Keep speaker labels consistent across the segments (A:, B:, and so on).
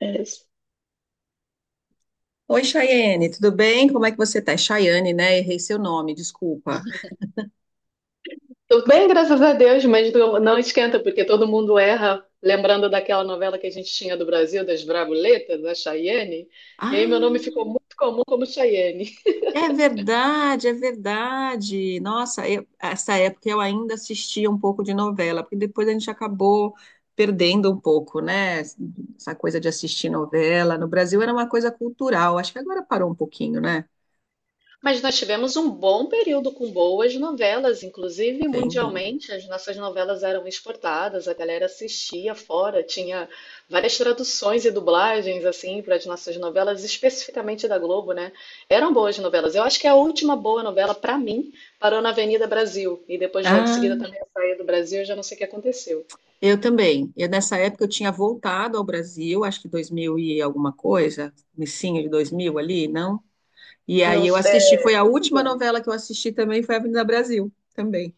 A: É,
B: Oi, Chayane, tudo bem? Como é que você tá? É Chayane, né? Errei seu nome, desculpa.
A: tô bem, graças a Deus, mas não esquenta, porque todo mundo erra, lembrando daquela novela que a gente tinha do Brasil, das Bravuletas, da Chayenne. E aí meu nome
B: Ah,
A: ficou muito comum como Chayenne.
B: é verdade, é verdade. Nossa, essa época eu ainda assistia um pouco de novela, porque depois a gente acabou perdendo um pouco, né? Essa coisa de assistir novela. No Brasil era uma coisa cultural, acho que agora parou um pouquinho, né?
A: Mas nós tivemos um bom período com boas novelas, inclusive
B: Sem dúvida.
A: mundialmente as nossas novelas eram exportadas, a galera assistia fora, tinha várias traduções e dublagens assim para as nossas novelas, especificamente da Globo, né? Eram boas novelas. Eu acho que a última boa novela para mim parou na Avenida Brasil e depois logo em
B: Ah,
A: seguida também a saída do Brasil, eu já não sei o que aconteceu.
B: eu também. Eu, nessa época eu tinha voltado ao Brasil, acho que 2000 e alguma coisa, comecinho de 2000 ali, não? E
A: Não
B: aí eu assisti,
A: sei.
B: foi a última novela que eu assisti também, foi Avenida Brasil, também.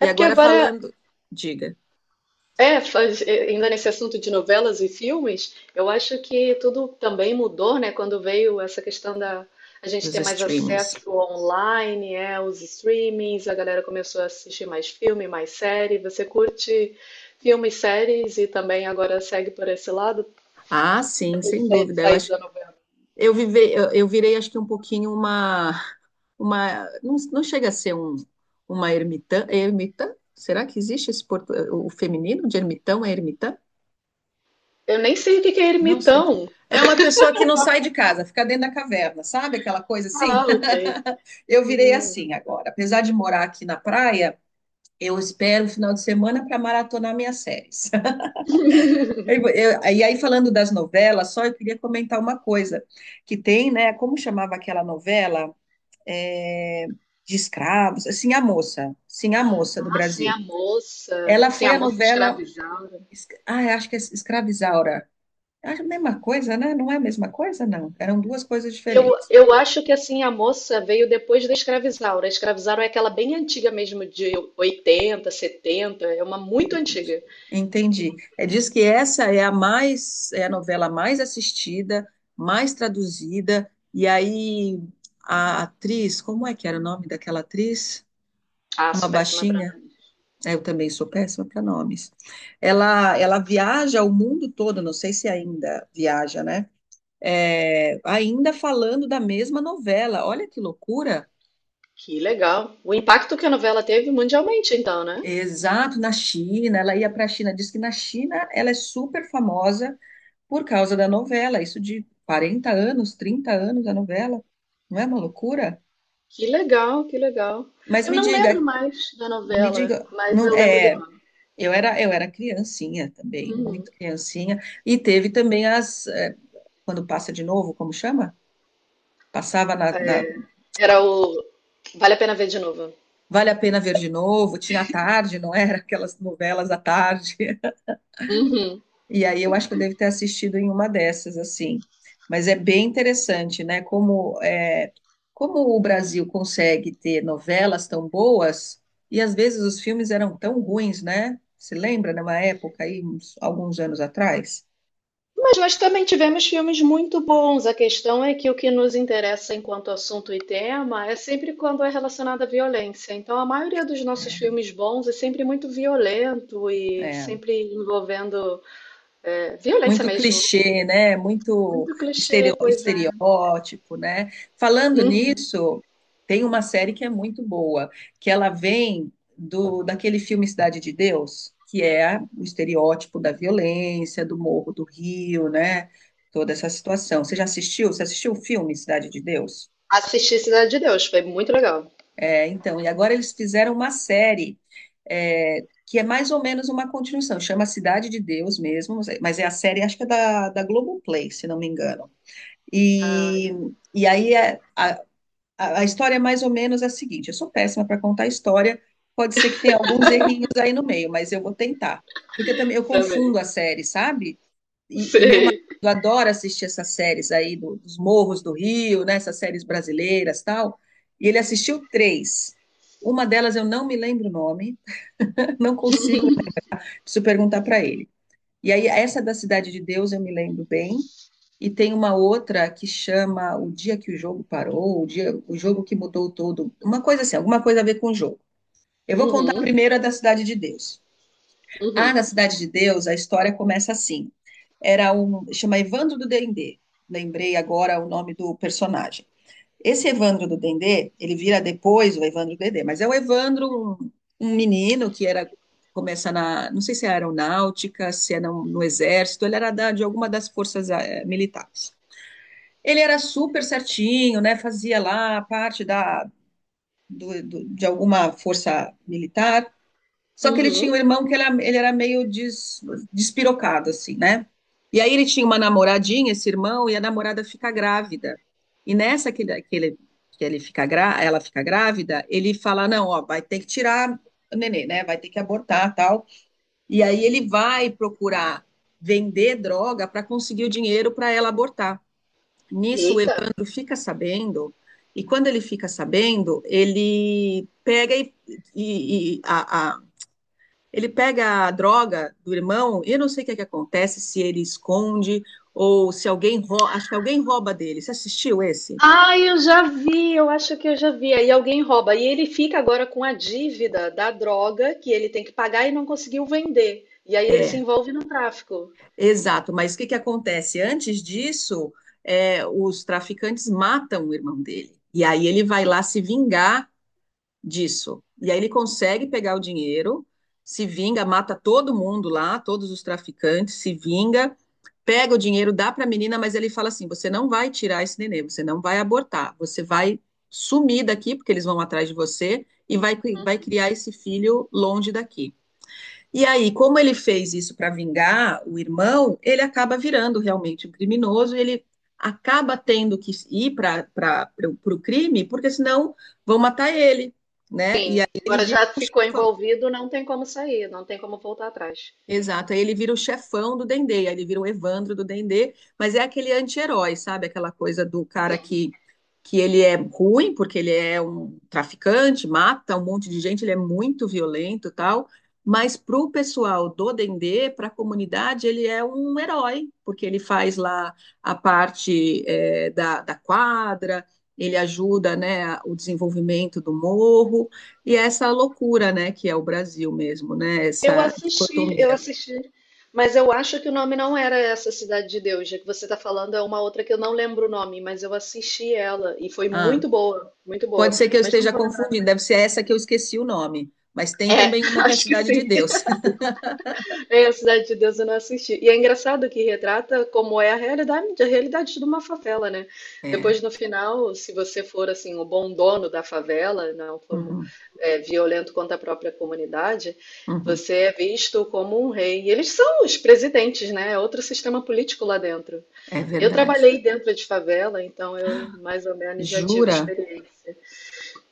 B: E
A: É porque
B: agora
A: agora.
B: falando, diga,
A: Ainda nesse assunto de novelas e filmes, eu acho que tudo também mudou, né? Quando veio essa questão da a gente
B: dos
A: ter mais
B: streamings.
A: acesso online, os streamings, a galera começou a assistir mais filme, mais série. Você curte filmes, séries e também agora segue por esse lado,
B: Ah, sim,
A: depois de
B: sem
A: sair,
B: dúvida. Eu
A: sair
B: acho,
A: da novela.
B: eu virei acho que um pouquinho uma não, não chega a ser um uma ermitã, é ermitã? Será que existe o feminino de ermitão é ermitã?
A: Eu nem sei o que que é
B: Não sei.
A: ermitão.
B: É uma pessoa que não sai de casa, fica dentro da caverna, sabe? Aquela coisa assim.
A: Ah, ok.
B: Eu virei assim agora. Apesar de morar aqui na praia, eu espero o final de semana para maratonar minhas séries. E aí, falando das novelas, só eu queria comentar uma coisa que tem, né? Como chamava aquela novela? É, de escravos, Sim, a Moça do
A: Ah, sim, a
B: Brasil.
A: moça.
B: Ela
A: Sim,
B: foi
A: a
B: a
A: moça
B: novela.
A: escravizada.
B: Ah, eu acho que é Escravizaura. Acho a mesma coisa, né? Não é a mesma coisa, não. Eram duas coisas diferentes.
A: Eu acho que assim a moça veio depois da Escravizaura. A Escravizaura é aquela bem antiga mesmo, de 80, 70, é uma muito
B: Entendi.
A: antiga.
B: Entendi. É, diz que essa é a mais, é a novela mais assistida, mais traduzida, e aí a atriz, como é que era o nome daquela atriz?
A: Ah,
B: Uma
A: sou péssima pra nada.
B: baixinha, é, eu também sou péssima para nomes. Ela viaja o mundo todo, não sei se ainda viaja, né? É, ainda falando da mesma novela. Olha que loucura!
A: Que legal. O impacto que a novela teve mundialmente, então, né?
B: Exato, na China, ela ia para a China, diz que na China ela é super famosa por causa da novela, isso de 40 anos, 30 anos da novela, não é uma loucura?
A: Que legal, que legal.
B: Mas
A: Eu
B: me
A: não lembro
B: diga,
A: mais da novela, mas
B: não
A: eu lembro do
B: é,
A: nome.
B: eu era criancinha também,
A: Uhum.
B: muito criancinha, e teve também as é, quando passa de novo, como chama? Passava na,
A: É,
B: na-
A: era o Vale a Pena Ver de Novo.
B: Vale a Pena Ver de Novo, tinha à tarde, não era? Aquelas novelas à tarde.
A: Uhum.
B: E aí eu acho que eu devo ter assistido em uma dessas, assim. Mas é bem interessante, né? Como, é, como o Brasil consegue ter novelas tão boas e às vezes os filmes eram tão ruins, né? Se lembra numa época aí, alguns anos atrás?
A: Mas nós também tivemos filmes muito bons. A questão é que o que nos interessa enquanto assunto e tema é sempre quando é relacionado à violência. Então, a maioria dos nossos
B: É.
A: filmes bons é sempre muito violento e
B: É.
A: sempre envolvendo violência
B: Muito
A: mesmo.
B: clichê, né? Muito
A: Muito clichê, pois é.
B: estereótipo, né? Falando
A: Uhum.
B: nisso, tem uma série que é muito boa, que ela vem do daquele filme Cidade de Deus, que é o estereótipo da violência, do Morro do Rio, né? Toda essa situação. Você já assistiu? Você assistiu o filme Cidade de Deus?
A: Assisti Cidade de Deus, foi muito legal.
B: É, então, e agora eles fizeram uma série é, que é mais ou menos uma continuação, chama Cidade de Deus mesmo, mas é a série, acho que é da Globoplay, se não me engano.
A: Ah,
B: E, e aí é- a, a história é mais ou menos a seguinte: eu sou péssima para contar a história, pode ser que tenha alguns errinhos aí no meio, mas eu vou tentar. Porque eu também eu
A: também.
B: confundo a série, sabe? E meu marido
A: Sei.
B: adora assistir essas séries dos Morros do Rio, né? Essas séries brasileiras, tal. E ele assistiu três. Uma delas eu não me lembro o nome, não consigo, preciso perguntar para ele. E aí essa da Cidade de Deus eu me lembro bem. E tem uma outra que chama O Dia que o Jogo Parou, o dia, o jogo que mudou todo, uma coisa assim, alguma coisa a ver com o jogo. Eu vou contar
A: Uhum,
B: primeiro a da Cidade de Deus. Ah,
A: uhum,
B: na Cidade de Deus, a história começa assim. Era um, chama Evandro do Dendê. Lembrei agora o nome do personagem. Esse Evandro do Dendê, ele vira depois o Evandro do Dendê, mas é o Evandro, um menino que era começa não sei se é aeronáutica, se é no exército, ele era de alguma das forças eh, militares. Ele era super certinho, né? Fazia lá parte da de alguma força militar, só que ele tinha um
A: uhum.
B: irmão que ele era meio despirocado, assim, né? E aí ele tinha uma namoradinha, esse irmão, e a namorada fica grávida. E nessa que ele, que ele fica grá, ela fica grávida, ele fala, não, ó, vai ter que tirar o nenê, né? Vai ter que abortar, tal. E aí ele vai procurar vender droga para conseguir o dinheiro para ela abortar. Nisso o
A: Eita.
B: Evandro fica sabendo, e quando ele fica sabendo, e- e a, ele pega a droga do irmão e eu não sei o que é que acontece, se ele esconde ou se alguém rouba, acho que alguém rouba dele. Você assistiu esse?
A: Ah, eu já vi, eu acho que eu já vi. Aí alguém rouba. E ele fica agora com a dívida da droga que ele tem que pagar e não conseguiu vender. E aí ele se
B: É,
A: envolve no tráfico.
B: exato. Mas o que que acontece? Antes disso, é, os traficantes matam o irmão dele. E aí ele vai lá se vingar disso. E aí ele consegue pegar o dinheiro, se vinga, mata todo mundo lá, todos os traficantes, se vinga, pega o dinheiro, dá para a menina, mas ele fala assim: você não vai tirar esse neném, você não vai abortar, você vai sumir daqui, porque eles vão atrás de você, e vai, vai criar esse filho longe daqui. E aí, como ele fez isso para vingar o irmão, ele acaba virando realmente um criminoso e ele acaba tendo que ir para o crime, porque senão vão matar ele, né? E aí
A: Sim,
B: ele
A: agora
B: vira
A: já ficou envolvido, não tem como sair, não tem como voltar atrás.
B: exato, aí ele vira o chefão do Dendê, aí ele vira o Evandro do Dendê, mas é aquele anti-herói, sabe? Aquela coisa do cara
A: Sim.
B: que ele é ruim, porque ele é um traficante, mata um monte de gente, ele é muito violento e tal, mas pro pessoal do Dendê, pra comunidade, ele é um herói, porque ele faz lá a parte eh, da quadra, ele ajuda, né, o desenvolvimento do morro, e é essa loucura, né, que é o Brasil mesmo, né,
A: Eu
B: essa
A: assisti, eu
B: dicotomia.
A: assisti. Mas eu acho que o nome não era essa Cidade de Deus. Já que você está falando, é uma outra que eu não lembro o nome, mas eu assisti ela e foi
B: Ah,
A: muito boa, muito boa.
B: pode ser que eu
A: Mas não
B: esteja
A: vou lembrar
B: confundindo,
A: também.
B: deve ser essa que eu esqueci o nome, mas
A: É,
B: tem também uma que é a
A: acho que
B: Cidade de
A: sim.
B: Deus.
A: É, a Cidade de Deus eu não assisti. E é engraçado que retrata como é a realidade de uma favela, né?
B: É,
A: Depois, no final, se você for assim o bom dono da favela, não for
B: uhum,
A: violento contra a própria comunidade,
B: uhum,
A: você é visto como um rei. E eles são os presidentes, né? É outro sistema político lá dentro.
B: é
A: Eu
B: verdade.
A: trabalhei dentro de favela, então eu mais ou menos já tive
B: Jura?
A: experiência.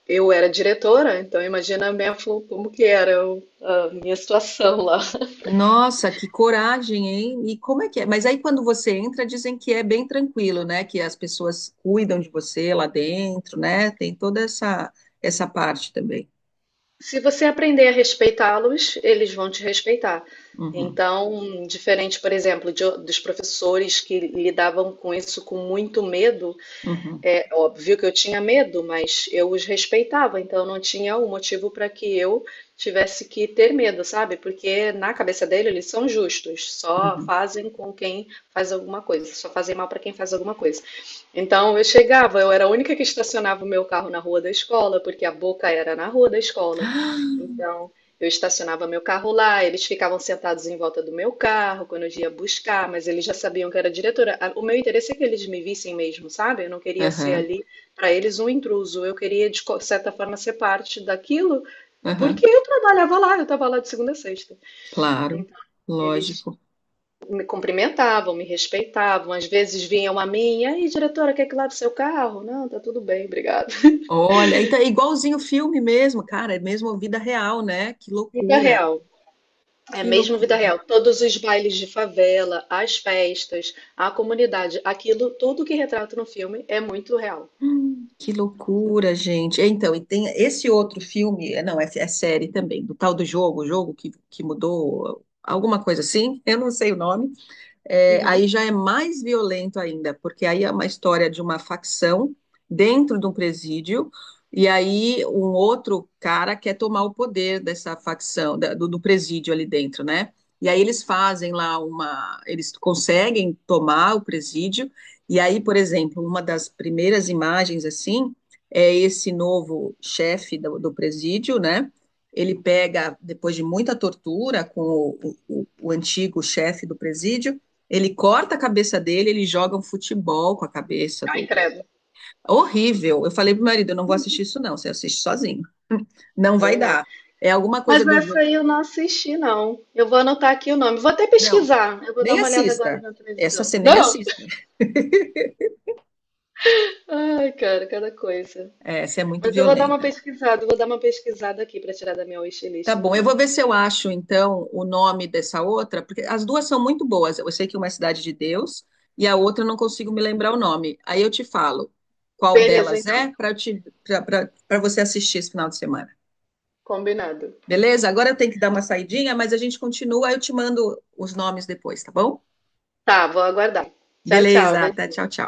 A: Eu era diretora, então imagina a minha, como que era a minha situação lá.
B: Nossa, que coragem, hein? E como é que é? Mas aí quando você entra, dizem que é bem tranquilo, né? Que as pessoas cuidam de você lá dentro, né? Tem toda essa parte também.
A: Se você aprender a respeitá-los, eles vão te respeitar.
B: Uhum,
A: Então, diferente, por exemplo, de dos professores que lidavam com isso com muito medo,
B: uhum,
A: é óbvio que eu tinha medo, mas eu os respeitava, então não tinha um motivo para que eu tivesse que ter medo, sabe? Porque na cabeça dele eles são justos, só
B: uhum.
A: fazem com quem faz alguma coisa, só fazem mal para quem faz alguma coisa. Então eu chegava, eu era a única que estacionava o meu carro na rua da escola, porque a boca era na rua da escola. Então eu estacionava meu carro lá, eles ficavam sentados em volta do meu carro quando eu ia buscar, mas eles já sabiam que eu era diretora. O meu interesse é que eles me vissem mesmo, sabe? Eu não queria ser
B: Aham,
A: ali para eles um intruso, eu queria de certa forma ser parte daquilo,
B: aham,
A: porque eu trabalhava lá, eu estava lá de segunda a sexta.
B: claro,
A: Então eles
B: lógico.
A: me cumprimentavam, me respeitavam, às vezes vinham a mim, e aí, diretora, quer que lave seu carro? Não, tá tudo bem, obrigada.
B: Olha, então é igualzinho o filme mesmo, cara, é mesmo a vida real, né? Que
A: Vida
B: loucura,
A: real, é
B: que
A: mesmo vida real.
B: loucura.
A: Todos os bailes de favela, as festas, a comunidade, aquilo, tudo que retrata no filme é muito real.
B: Que loucura, gente. Então, e tem esse outro filme, é, não, é, é série também, do tal do jogo, o jogo que mudou, alguma coisa assim, eu não sei o nome, é,
A: Uhum.
B: aí já é mais violento ainda, porque aí é uma história de uma facção dentro de um presídio, e aí um outro cara quer tomar o poder dessa facção, do presídio ali dentro, né? E aí eles fazem lá uma. Eles conseguem tomar o presídio, e aí, por exemplo, uma das primeiras imagens assim é esse novo chefe do presídio, né? Ele pega, depois de muita tortura com o antigo chefe do presídio, ele corta a cabeça dele, ele joga um futebol com a cabeça
A: Ai,
B: do.
A: credo,
B: Horrível. Eu falei pro meu marido, eu não vou assistir isso não, você assiste sozinho. Não vai
A: também não.
B: dar. É alguma coisa
A: Mas
B: do
A: essa
B: jogo.
A: aí eu não assisti, não. Eu vou anotar aqui o nome. Vou até
B: Não,
A: pesquisar. Eu vou dar
B: nem
A: uma olhada agora
B: assista.
A: na
B: Essa
A: televisão.
B: você nem
A: Não!
B: assista.
A: Ai, cara, cada coisa.
B: Essa é muito
A: Mas eu vou dar uma
B: violenta.
A: pesquisada, eu vou dar uma pesquisada aqui para tirar da minha wishlist,
B: Tá bom, eu
A: então.
B: vou ver se eu acho então o nome dessa outra, porque as duas são muito boas. Eu sei que uma é Cidade de Deus e a outra eu não consigo me lembrar o nome. Aí eu te falo qual
A: Beleza,
B: delas
A: então.
B: é para você assistir esse final de semana.
A: Combinado.
B: Beleza? Agora eu tenho que dar uma saidinha, mas a gente continua, eu te mando os nomes depois, tá bom?
A: Tá, vou aguardar. Tchau, tchau.
B: Beleza, até
A: Beijinho.
B: tchau, tchau.